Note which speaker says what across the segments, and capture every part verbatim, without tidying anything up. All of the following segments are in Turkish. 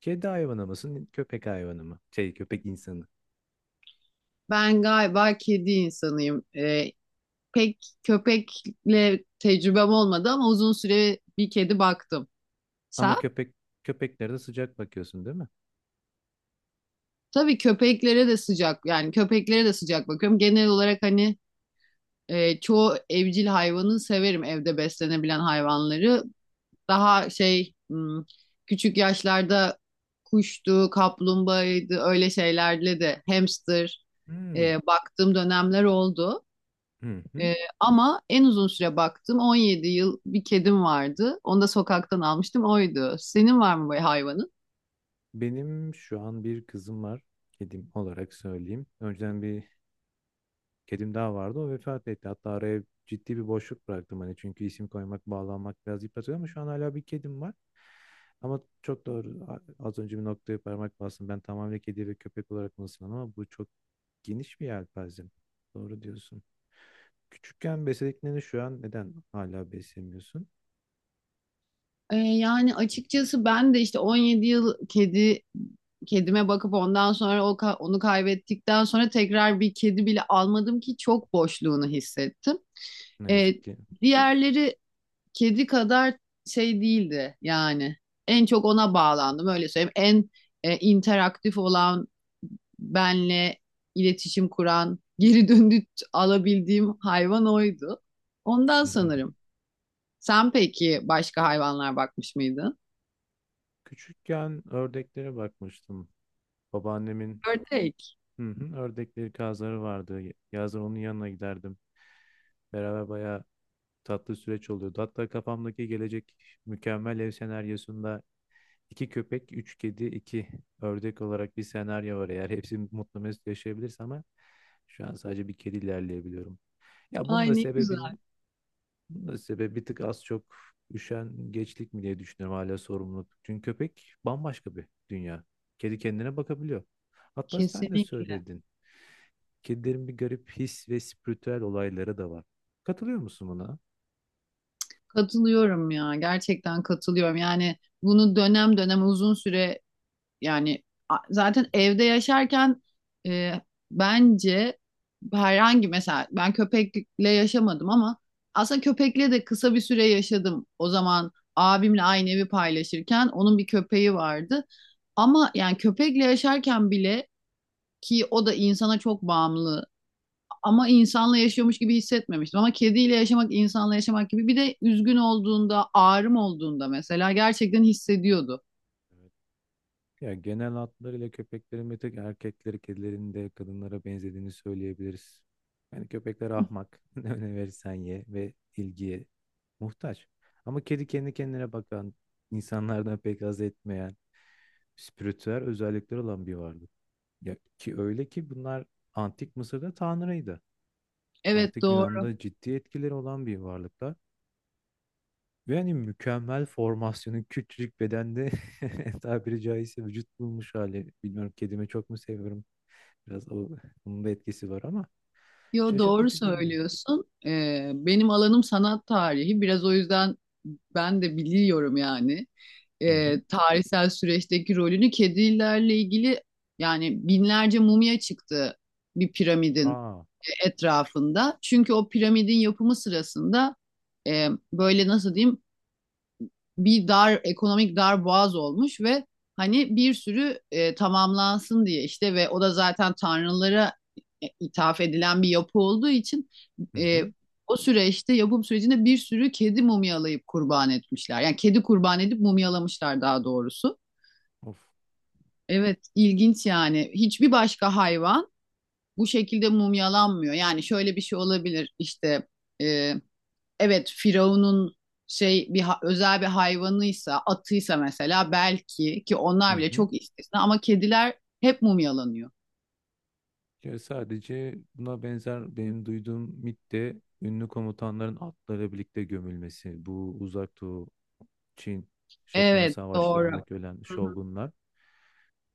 Speaker 1: Kedi hayvanı mısın, köpek hayvanı mı? Şey, köpek insanı.
Speaker 2: Ben galiba kedi insanıyım. Ee, pek köpekle tecrübem olmadı ama uzun süre bir kedi baktım. Sen?
Speaker 1: Ama köpek köpeklere de sıcak bakıyorsun değil mi?
Speaker 2: Tabii köpeklere de sıcak yani köpeklere de sıcak bakıyorum. Genel olarak hani e, çoğu evcil hayvanı severim evde beslenebilen hayvanları. Daha şey hmm, küçük yaşlarda kuştu, kaplumbağaydı öyle şeylerle de hamster
Speaker 1: Hmm.
Speaker 2: e, baktığım dönemler oldu.
Speaker 1: Hı hı.
Speaker 2: Ee, Ama en uzun süre baktım on yedi yıl bir kedim vardı. Onu da sokaktan almıştım oydu. Senin var mı böyle hayvanın?
Speaker 1: Benim şu an bir kızım var. Kedim olarak söyleyeyim. Önceden bir kedim daha vardı. O vefat etti. Hatta araya ciddi bir boşluk bıraktım hani çünkü isim koymak, bağlanmak biraz yıpratıyor ama şu an hala bir kedim var. Ama çok doğru. A- Az önce bir noktaya parmak bastım. Ben tamamen kedi ve köpek olarak mısın ama bu çok geniş bir yelpaze. Doğru diyorsun. Küçükken beslediklerini şu an neden hala beslemiyorsun?
Speaker 2: Ee, yani açıkçası ben de işte on yedi yıl kedi kedime bakıp ondan sonra o ka- onu kaybettikten sonra tekrar bir kedi bile almadım ki çok boşluğunu hissettim.
Speaker 1: Ne
Speaker 2: Ee,
Speaker 1: yazık ki.
Speaker 2: Diğerleri kedi kadar şey değildi yani. En çok ona bağlandım öyle söyleyeyim. En e, interaktif olan benle iletişim kuran, geri döndü alabildiğim hayvan oydu. Ondan
Speaker 1: Hı hı.
Speaker 2: sanırım. Sen peki başka hayvanlar bakmış mıydın?
Speaker 1: Küçükken ördeklere bakmıştım. Babaannemin,
Speaker 2: Ördek.
Speaker 1: hı hı, ördekleri kazları vardı. Yazın onun yanına giderdim. Beraber bayağı tatlı süreç oluyordu. Hatta kafamdaki gelecek mükemmel ev senaryosunda iki köpek, üç kedi, iki ördek olarak bir senaryo var. Eğer hepsi mutlu mesut yaşayabilirse ama şu an sadece bir kedi ilerleyebiliyorum. Ya bunun
Speaker 2: Ay
Speaker 1: da
Speaker 2: ne güzel.
Speaker 1: sebebin Bunun da sebebi bir tık az çok üşengeçlik mi diye düşünüyorum, hala sorumluluk. Çünkü köpek bambaşka bir dünya. Kedi kendine bakabiliyor. Hatta sen de
Speaker 2: Kesinlikle.
Speaker 1: söyledin. Kedilerin bir garip his ve spiritüel olayları da var. Katılıyor musun buna?
Speaker 2: Katılıyorum ya. Gerçekten katılıyorum. Yani bunu dönem dönem uzun süre. Yani a- zaten evde yaşarken e, bence herhangi mesela ben köpekle yaşamadım ama aslında köpekle de kısa bir süre yaşadım. O zaman abimle aynı evi paylaşırken onun bir köpeği vardı. Ama yani köpekle yaşarken bile ki o da insana çok bağımlı ama insanla yaşıyormuş gibi hissetmemiştim. Ama kediyle yaşamak insanla yaşamak gibi bir de üzgün olduğunda, ağrım olduğunda mesela gerçekten hissediyordu.
Speaker 1: Evet. Ya genel hatlarıyla köpeklerin bir tek erkekleri, kedilerin de kadınlara benzediğini söyleyebiliriz. Yani köpekler ahmak. Ne verirsen ye ve ilgiye muhtaç. Ama kedi kendi kendine bakan, insanlardan pek haz etmeyen, spiritüel özellikleri olan bir varlık. Ya ki öyle ki bunlar antik Mısır'da tanrıydı.
Speaker 2: Evet,
Speaker 1: Antik
Speaker 2: doğru.
Speaker 1: Yunan'da ciddi etkileri olan bir varlıklar. Ve hani mükemmel formasyonu küçücük bedende tabiri caizse vücut bulmuş hali. Bilmiyorum, kedimi çok mu seviyorum? Biraz o, onun da etkisi var ama
Speaker 2: Yo, doğru
Speaker 1: şaşırtıcı geliyor.
Speaker 2: söylüyorsun. Ee, benim alanım sanat tarihi. Biraz o yüzden ben de biliyorum yani.
Speaker 1: Hı hı.
Speaker 2: Ee, tarihsel süreçteki rolünü kedilerle ilgili yani binlerce mumya çıktı bir piramidin
Speaker 1: Aa.
Speaker 2: etrafında. Çünkü o piramidin yapımı sırasında e, böyle nasıl diyeyim bir dar ekonomik dar boğaz olmuş ve hani bir sürü e, tamamlansın diye işte ve o da zaten tanrılara e, ithaf edilen bir yapı olduğu için
Speaker 1: Hı
Speaker 2: e,
Speaker 1: hı.
Speaker 2: o süreçte yapım sürecinde bir sürü kedi mumyalayıp kurban etmişler. Yani kedi kurban edip mumyalamışlar daha doğrusu.
Speaker 1: Of.
Speaker 2: Evet, ilginç yani. Hiçbir başka hayvan bu şekilde mumyalanmıyor. Yani şöyle bir şey olabilir işte e, evet, Firavun'un şey bir ha- özel bir hayvanıysa, atıysa mesela belki ki
Speaker 1: Hı
Speaker 2: onlar bile
Speaker 1: hı.
Speaker 2: çok istisna ama kediler hep mumyalanıyor.
Speaker 1: Ya sadece buna benzer benim duyduğum mit de ünlü komutanların atlarıyla birlikte gömülmesi. Bu Uzak Doğu, Çin, Japonya
Speaker 2: Evet, doğru.
Speaker 1: savaşlarındaki ölen
Speaker 2: Hı hı.
Speaker 1: şogunlar.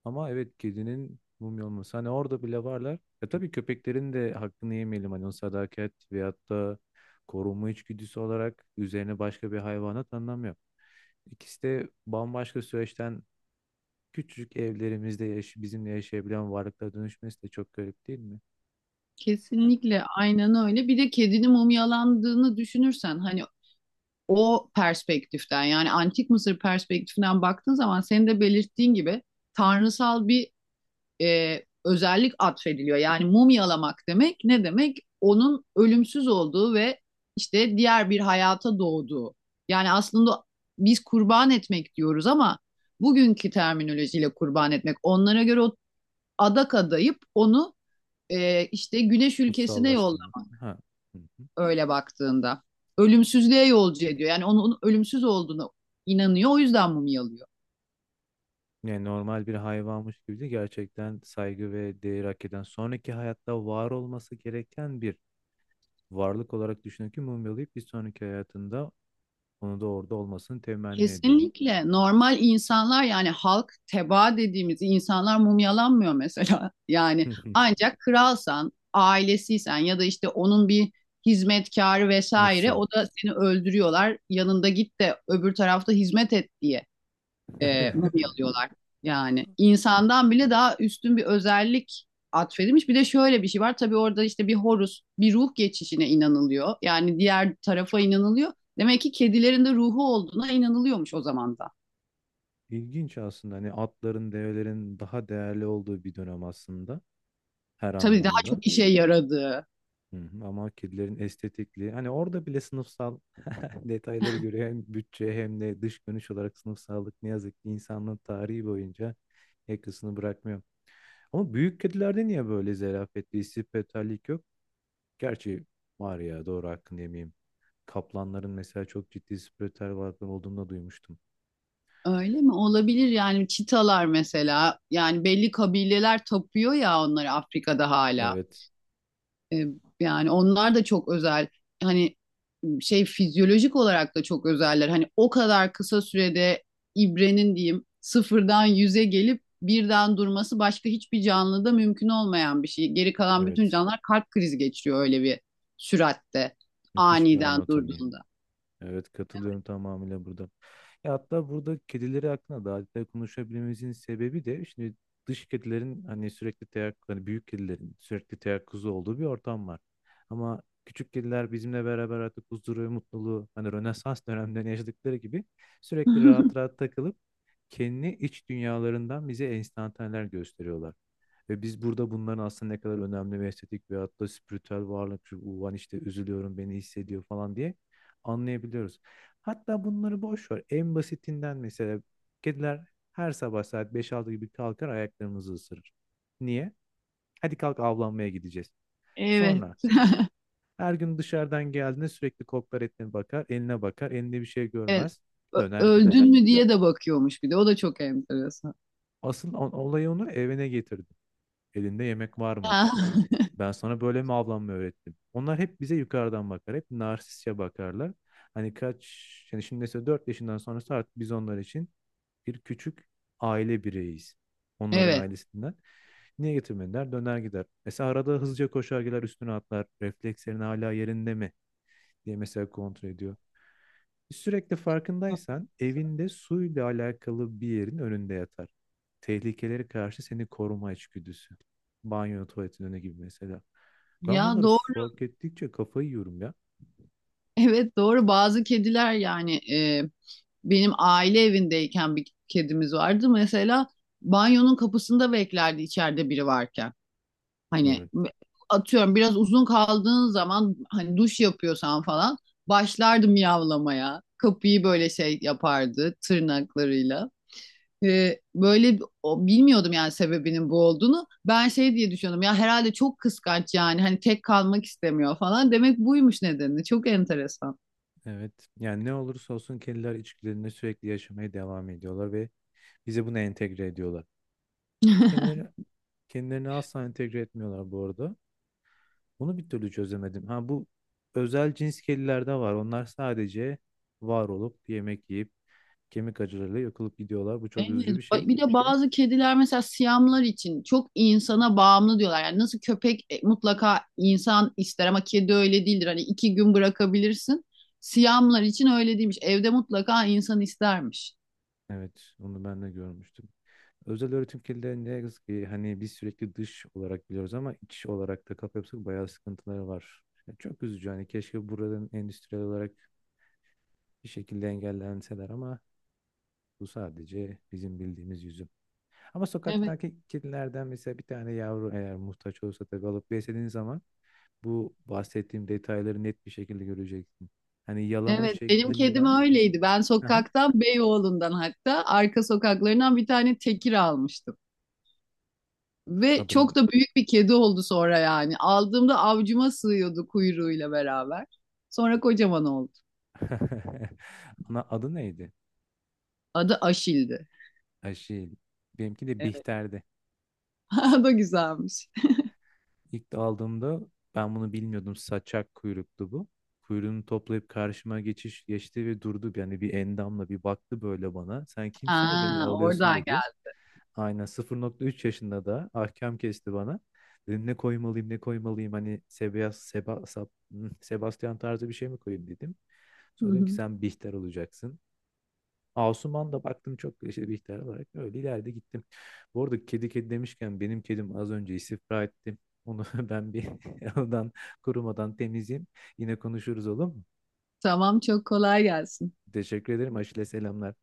Speaker 1: Ama evet, kedinin mumya olması. Hani orada bile varlar. E tabii köpeklerin de hakkını yemeyelim. Hani o sadakat veyahut da korunma içgüdüsü olarak üzerine başka bir hayvana tanımlamıyor. İkisi de bambaşka süreçten küçücük evlerimizde yaş bizimle yaşayabilen varlıklara dönüşmesi de çok garip değil mi? Ha.
Speaker 2: Kesinlikle aynen öyle. Bir de kedinin mumyalandığını düşünürsen hani o perspektiften yani antik Mısır perspektifinden baktığın zaman senin de belirttiğin gibi tanrısal bir e, özellik atfediliyor. Yani mumyalamak demek ne demek? Onun ölümsüz olduğu ve işte diğer bir hayata doğduğu. Yani aslında biz kurban etmek diyoruz ama bugünkü terminolojiyle kurban etmek. Onlara göre o adak adayıp onu e, işte güneş ülkesine
Speaker 1: Kutsallaştırmak.
Speaker 2: yollamak
Speaker 1: Ha. Hı hı.
Speaker 2: öyle baktığında. Ölümsüzlüğe yolcu ediyor. Yani onun ölümsüz olduğunu inanıyor. O yüzden mumyalıyor.
Speaker 1: Yani normal bir hayvanmış gibi de gerçekten saygı ve değer hak eden, sonraki hayatta var olması gereken bir varlık olarak düşünün ki mumyalayıp bir sonraki hayatında onu da orada olmasını temenni ediyorum.
Speaker 2: Kesinlikle normal insanlar yani halk tebaa dediğimiz insanlar mumyalanmıyor mesela. Yani ancak kralsan, ailesiysen ya da işte onun bir hizmetkarı vesaire
Speaker 1: Sınıfsal.
Speaker 2: o da seni öldürüyorlar. Yanında git de öbür tarafta hizmet et diye e, mumyalıyorlar. Yani insandan bile daha üstün bir özellik atfedilmiş. Bir de şöyle bir şey var. Tabii orada işte bir horus, bir ruh geçişine inanılıyor. Yani diğer tarafa inanılıyor. Demek ki kedilerin de ruhu olduğuna inanılıyormuş o zaman da.
Speaker 1: İlginç aslında. Hani atların, develerin daha değerli olduğu bir dönem aslında, her
Speaker 2: Tabii daha
Speaker 1: anlamda.
Speaker 2: çok işe yaradığı.
Speaker 1: Hı hı. Ama kedilerin estetikliği hani orada bile sınıfsal, detayları göre hem bütçe hem de dış görünüş olarak sınıfsallık ne yazık ki insanlığın tarihi boyunca yakasını bırakmıyor. Ama büyük kedilerde niye böyle zerafetli, istifetallik yok? Gerçi var ya, doğru, hakkını yemeyeyim. Kaplanların mesela çok ciddi istifetal varlıkları olduğunu da duymuştum.
Speaker 2: Öyle mi? Olabilir yani çitalar mesela. Yani belli kabileler tapıyor ya onları Afrika'da hala.
Speaker 1: Evet,
Speaker 2: E, Yani onlar da çok özel. Hani şey fizyolojik olarak da çok özeller. Hani o kadar kısa sürede ibrenin diyeyim sıfırdan yüze gelip birden durması başka hiçbir canlıda mümkün olmayan bir şey. Geri kalan bütün
Speaker 1: evet.
Speaker 2: canlılar kalp krizi geçiriyor öyle bir süratte
Speaker 1: Müthiş bir
Speaker 2: aniden
Speaker 1: anatomi.
Speaker 2: durduğunda.
Speaker 1: Evet, katılıyorum tamamıyla burada. E hatta burada kedileri hakkında daha detaylı konuşabilmemizin sebebi de şimdi dış kedilerin hani sürekli teyakkuz, hani büyük kedilerin sürekli teyakkuzu olduğu bir ortam var. Ama küçük kediler bizimle beraber artık huzuru ve mutluluğu hani Rönesans dönemlerinde yaşadıkları gibi sürekli rahat rahat takılıp kendi iç dünyalarından bize enstantaneler gösteriyorlar. Ve biz burada bunların aslında ne kadar önemli ve estetik ve hatta spiritüel varlık, şu ulan işte üzülüyorum beni hissediyor falan diye anlayabiliyoruz. Hatta bunları boş ver. En basitinden mesela kediler her sabah saat beş altı gibi kalkar, ayaklarımızı ısırır. Niye? Hadi kalk, avlanmaya gideceğiz.
Speaker 2: Evet.
Speaker 1: Sonra her gün dışarıdan geldiğinde sürekli koklar, etine bakar, eline bakar, elinde bir şey
Speaker 2: Evet.
Speaker 1: görmez,
Speaker 2: Ö-
Speaker 1: döner gider.
Speaker 2: Öldün mü diye de bakıyormuş bir de. O da çok enteresan.
Speaker 1: Asıl o- olayı onu evine getirdi. Elinde yemek var mı?
Speaker 2: Ha,
Speaker 1: Ben sana böyle mi avlanma öğrettim? Onlar hep bize yukarıdan bakar. Hep narsistçe bakarlar. Hani kaç, yani şimdi mesela dört yaşından sonrası artık biz onlar için bir küçük aile bireyiz. Onların
Speaker 2: Evet.
Speaker 1: ailesinden. Niye getirmediler? Döner gider. Mesela arada hızlıca koşar gider, üstüne atlar. Reflekslerin hala yerinde mi diye mesela kontrol ediyor. Sürekli farkındaysan evinde suyla alakalı bir yerin önünde yatar. Tehlikelere karşı seni koruma içgüdüsü. Banyo, tuvaletin önü gibi mesela. Ben
Speaker 2: Ya,
Speaker 1: bunları
Speaker 2: doğru.
Speaker 1: fark ettikçe kafayı yiyorum ya.
Speaker 2: Evet, doğru. Bazı kediler yani e, benim aile evindeyken bir kedimiz vardı. Mesela banyonun kapısında beklerdi içeride biri varken. Hani
Speaker 1: Evet.
Speaker 2: atıyorum biraz uzun kaldığın zaman hani duş yapıyorsan falan başlardı miyavlamaya. Kapıyı böyle şey yapardı tırnaklarıyla. E, böyle o- bilmiyordum yani sebebinin bu olduğunu. Ben şey diye düşünüyordum ya herhalde çok kıskanç yani hani tek kalmak istemiyor falan. Demek buymuş nedeni. Çok enteresan.
Speaker 1: Evet. Yani ne olursa olsun kediler içgüdülerini sürekli yaşamaya devam ediyorlar ve bize bunu entegre ediyorlar. Kendileri, kendilerini asla entegre etmiyorlar bu arada. Bunu bir türlü çözemedim. Ha, bu özel cins kedilerde var. Onlar sadece var olup yemek yiyip kemik acılarıyla yakılıp gidiyorlar. Bu çok
Speaker 2: Evet.
Speaker 1: üzücü bir şey.
Speaker 2: Ba- Bir de bazı kediler mesela siyamlar için çok insana bağımlı diyorlar. Yani nasıl köpek e, mutlaka insan ister ama kedi öyle değildir. Hani iki gün bırakabilirsin. Siyamlar için öyle değilmiş. Evde mutlaka insan istermiş.
Speaker 1: Evet, onu ben de görmüştüm. Özel öğretim kirliliği ne yazık ki, hani biz sürekli dış olarak biliyoruz ama iç olarak da kafa yapısı bayağı sıkıntıları var. Yani çok üzücü, hani keşke buraların endüstriyel olarak bir şekilde engellenseler ama bu sadece bizim bildiğimiz yüzü. Ama sokaktaki kedilerden mesela bir tane yavru eğer muhtaç olursa tabii alıp beslediğin zaman bu bahsettiğim detayları net bir şekilde göreceksin. Hani yalama
Speaker 2: Evet, benim kedim
Speaker 1: şeklinden.
Speaker 2: öyleydi. Ben
Speaker 1: Aha.
Speaker 2: sokaktan, Beyoğlu'ndan hatta arka sokaklarından bir tane tekir almıştım. Ve
Speaker 1: Adını.
Speaker 2: çok da büyük bir kedi oldu sonra yani. Aldığımda avcuma sığıyordu kuyruğuyla beraber. Sonra kocaman oldu.
Speaker 1: Ana adı neydi?
Speaker 2: Adı Aşil'di.
Speaker 1: Ay şey, benimki de
Speaker 2: Evet.
Speaker 1: Bihter'di.
Speaker 2: O da güzelmiş.
Speaker 1: İlk aldığımda ben bunu bilmiyordum. Saçak kuyruktu bu. Kuyruğunu toplayıp karşıma geçiş geçti ve durdu. Yani bir endamla bir baktı böyle bana. Sen kimsin de beni
Speaker 2: Aa,
Speaker 1: alıyorsun,
Speaker 2: oradan
Speaker 1: dedi.
Speaker 2: geldi.
Speaker 1: Aynen sıfır nokta üç yaşında da ahkam kesti bana. Dedim ne koymalıyım, ne koymalıyım, hani Sebas, Seba, Sab- Sebastian tarzı bir şey mi koyayım, dedim.
Speaker 2: Hı
Speaker 1: Sonra dedim ki
Speaker 2: hı.
Speaker 1: sen Bihter olacaksın. Asuman da baktım çok işte, bir ihtiyar olarak öyle ileride gittim. Bu arada kedi kedi demişken benim kedim az önce istifra etti. Onu ben bir oradan kurumadan temizleyeyim. Yine konuşuruz, olur mu?
Speaker 2: Tamam, çok kolay gelsin.
Speaker 1: Teşekkür ederim. Aşile selamlar.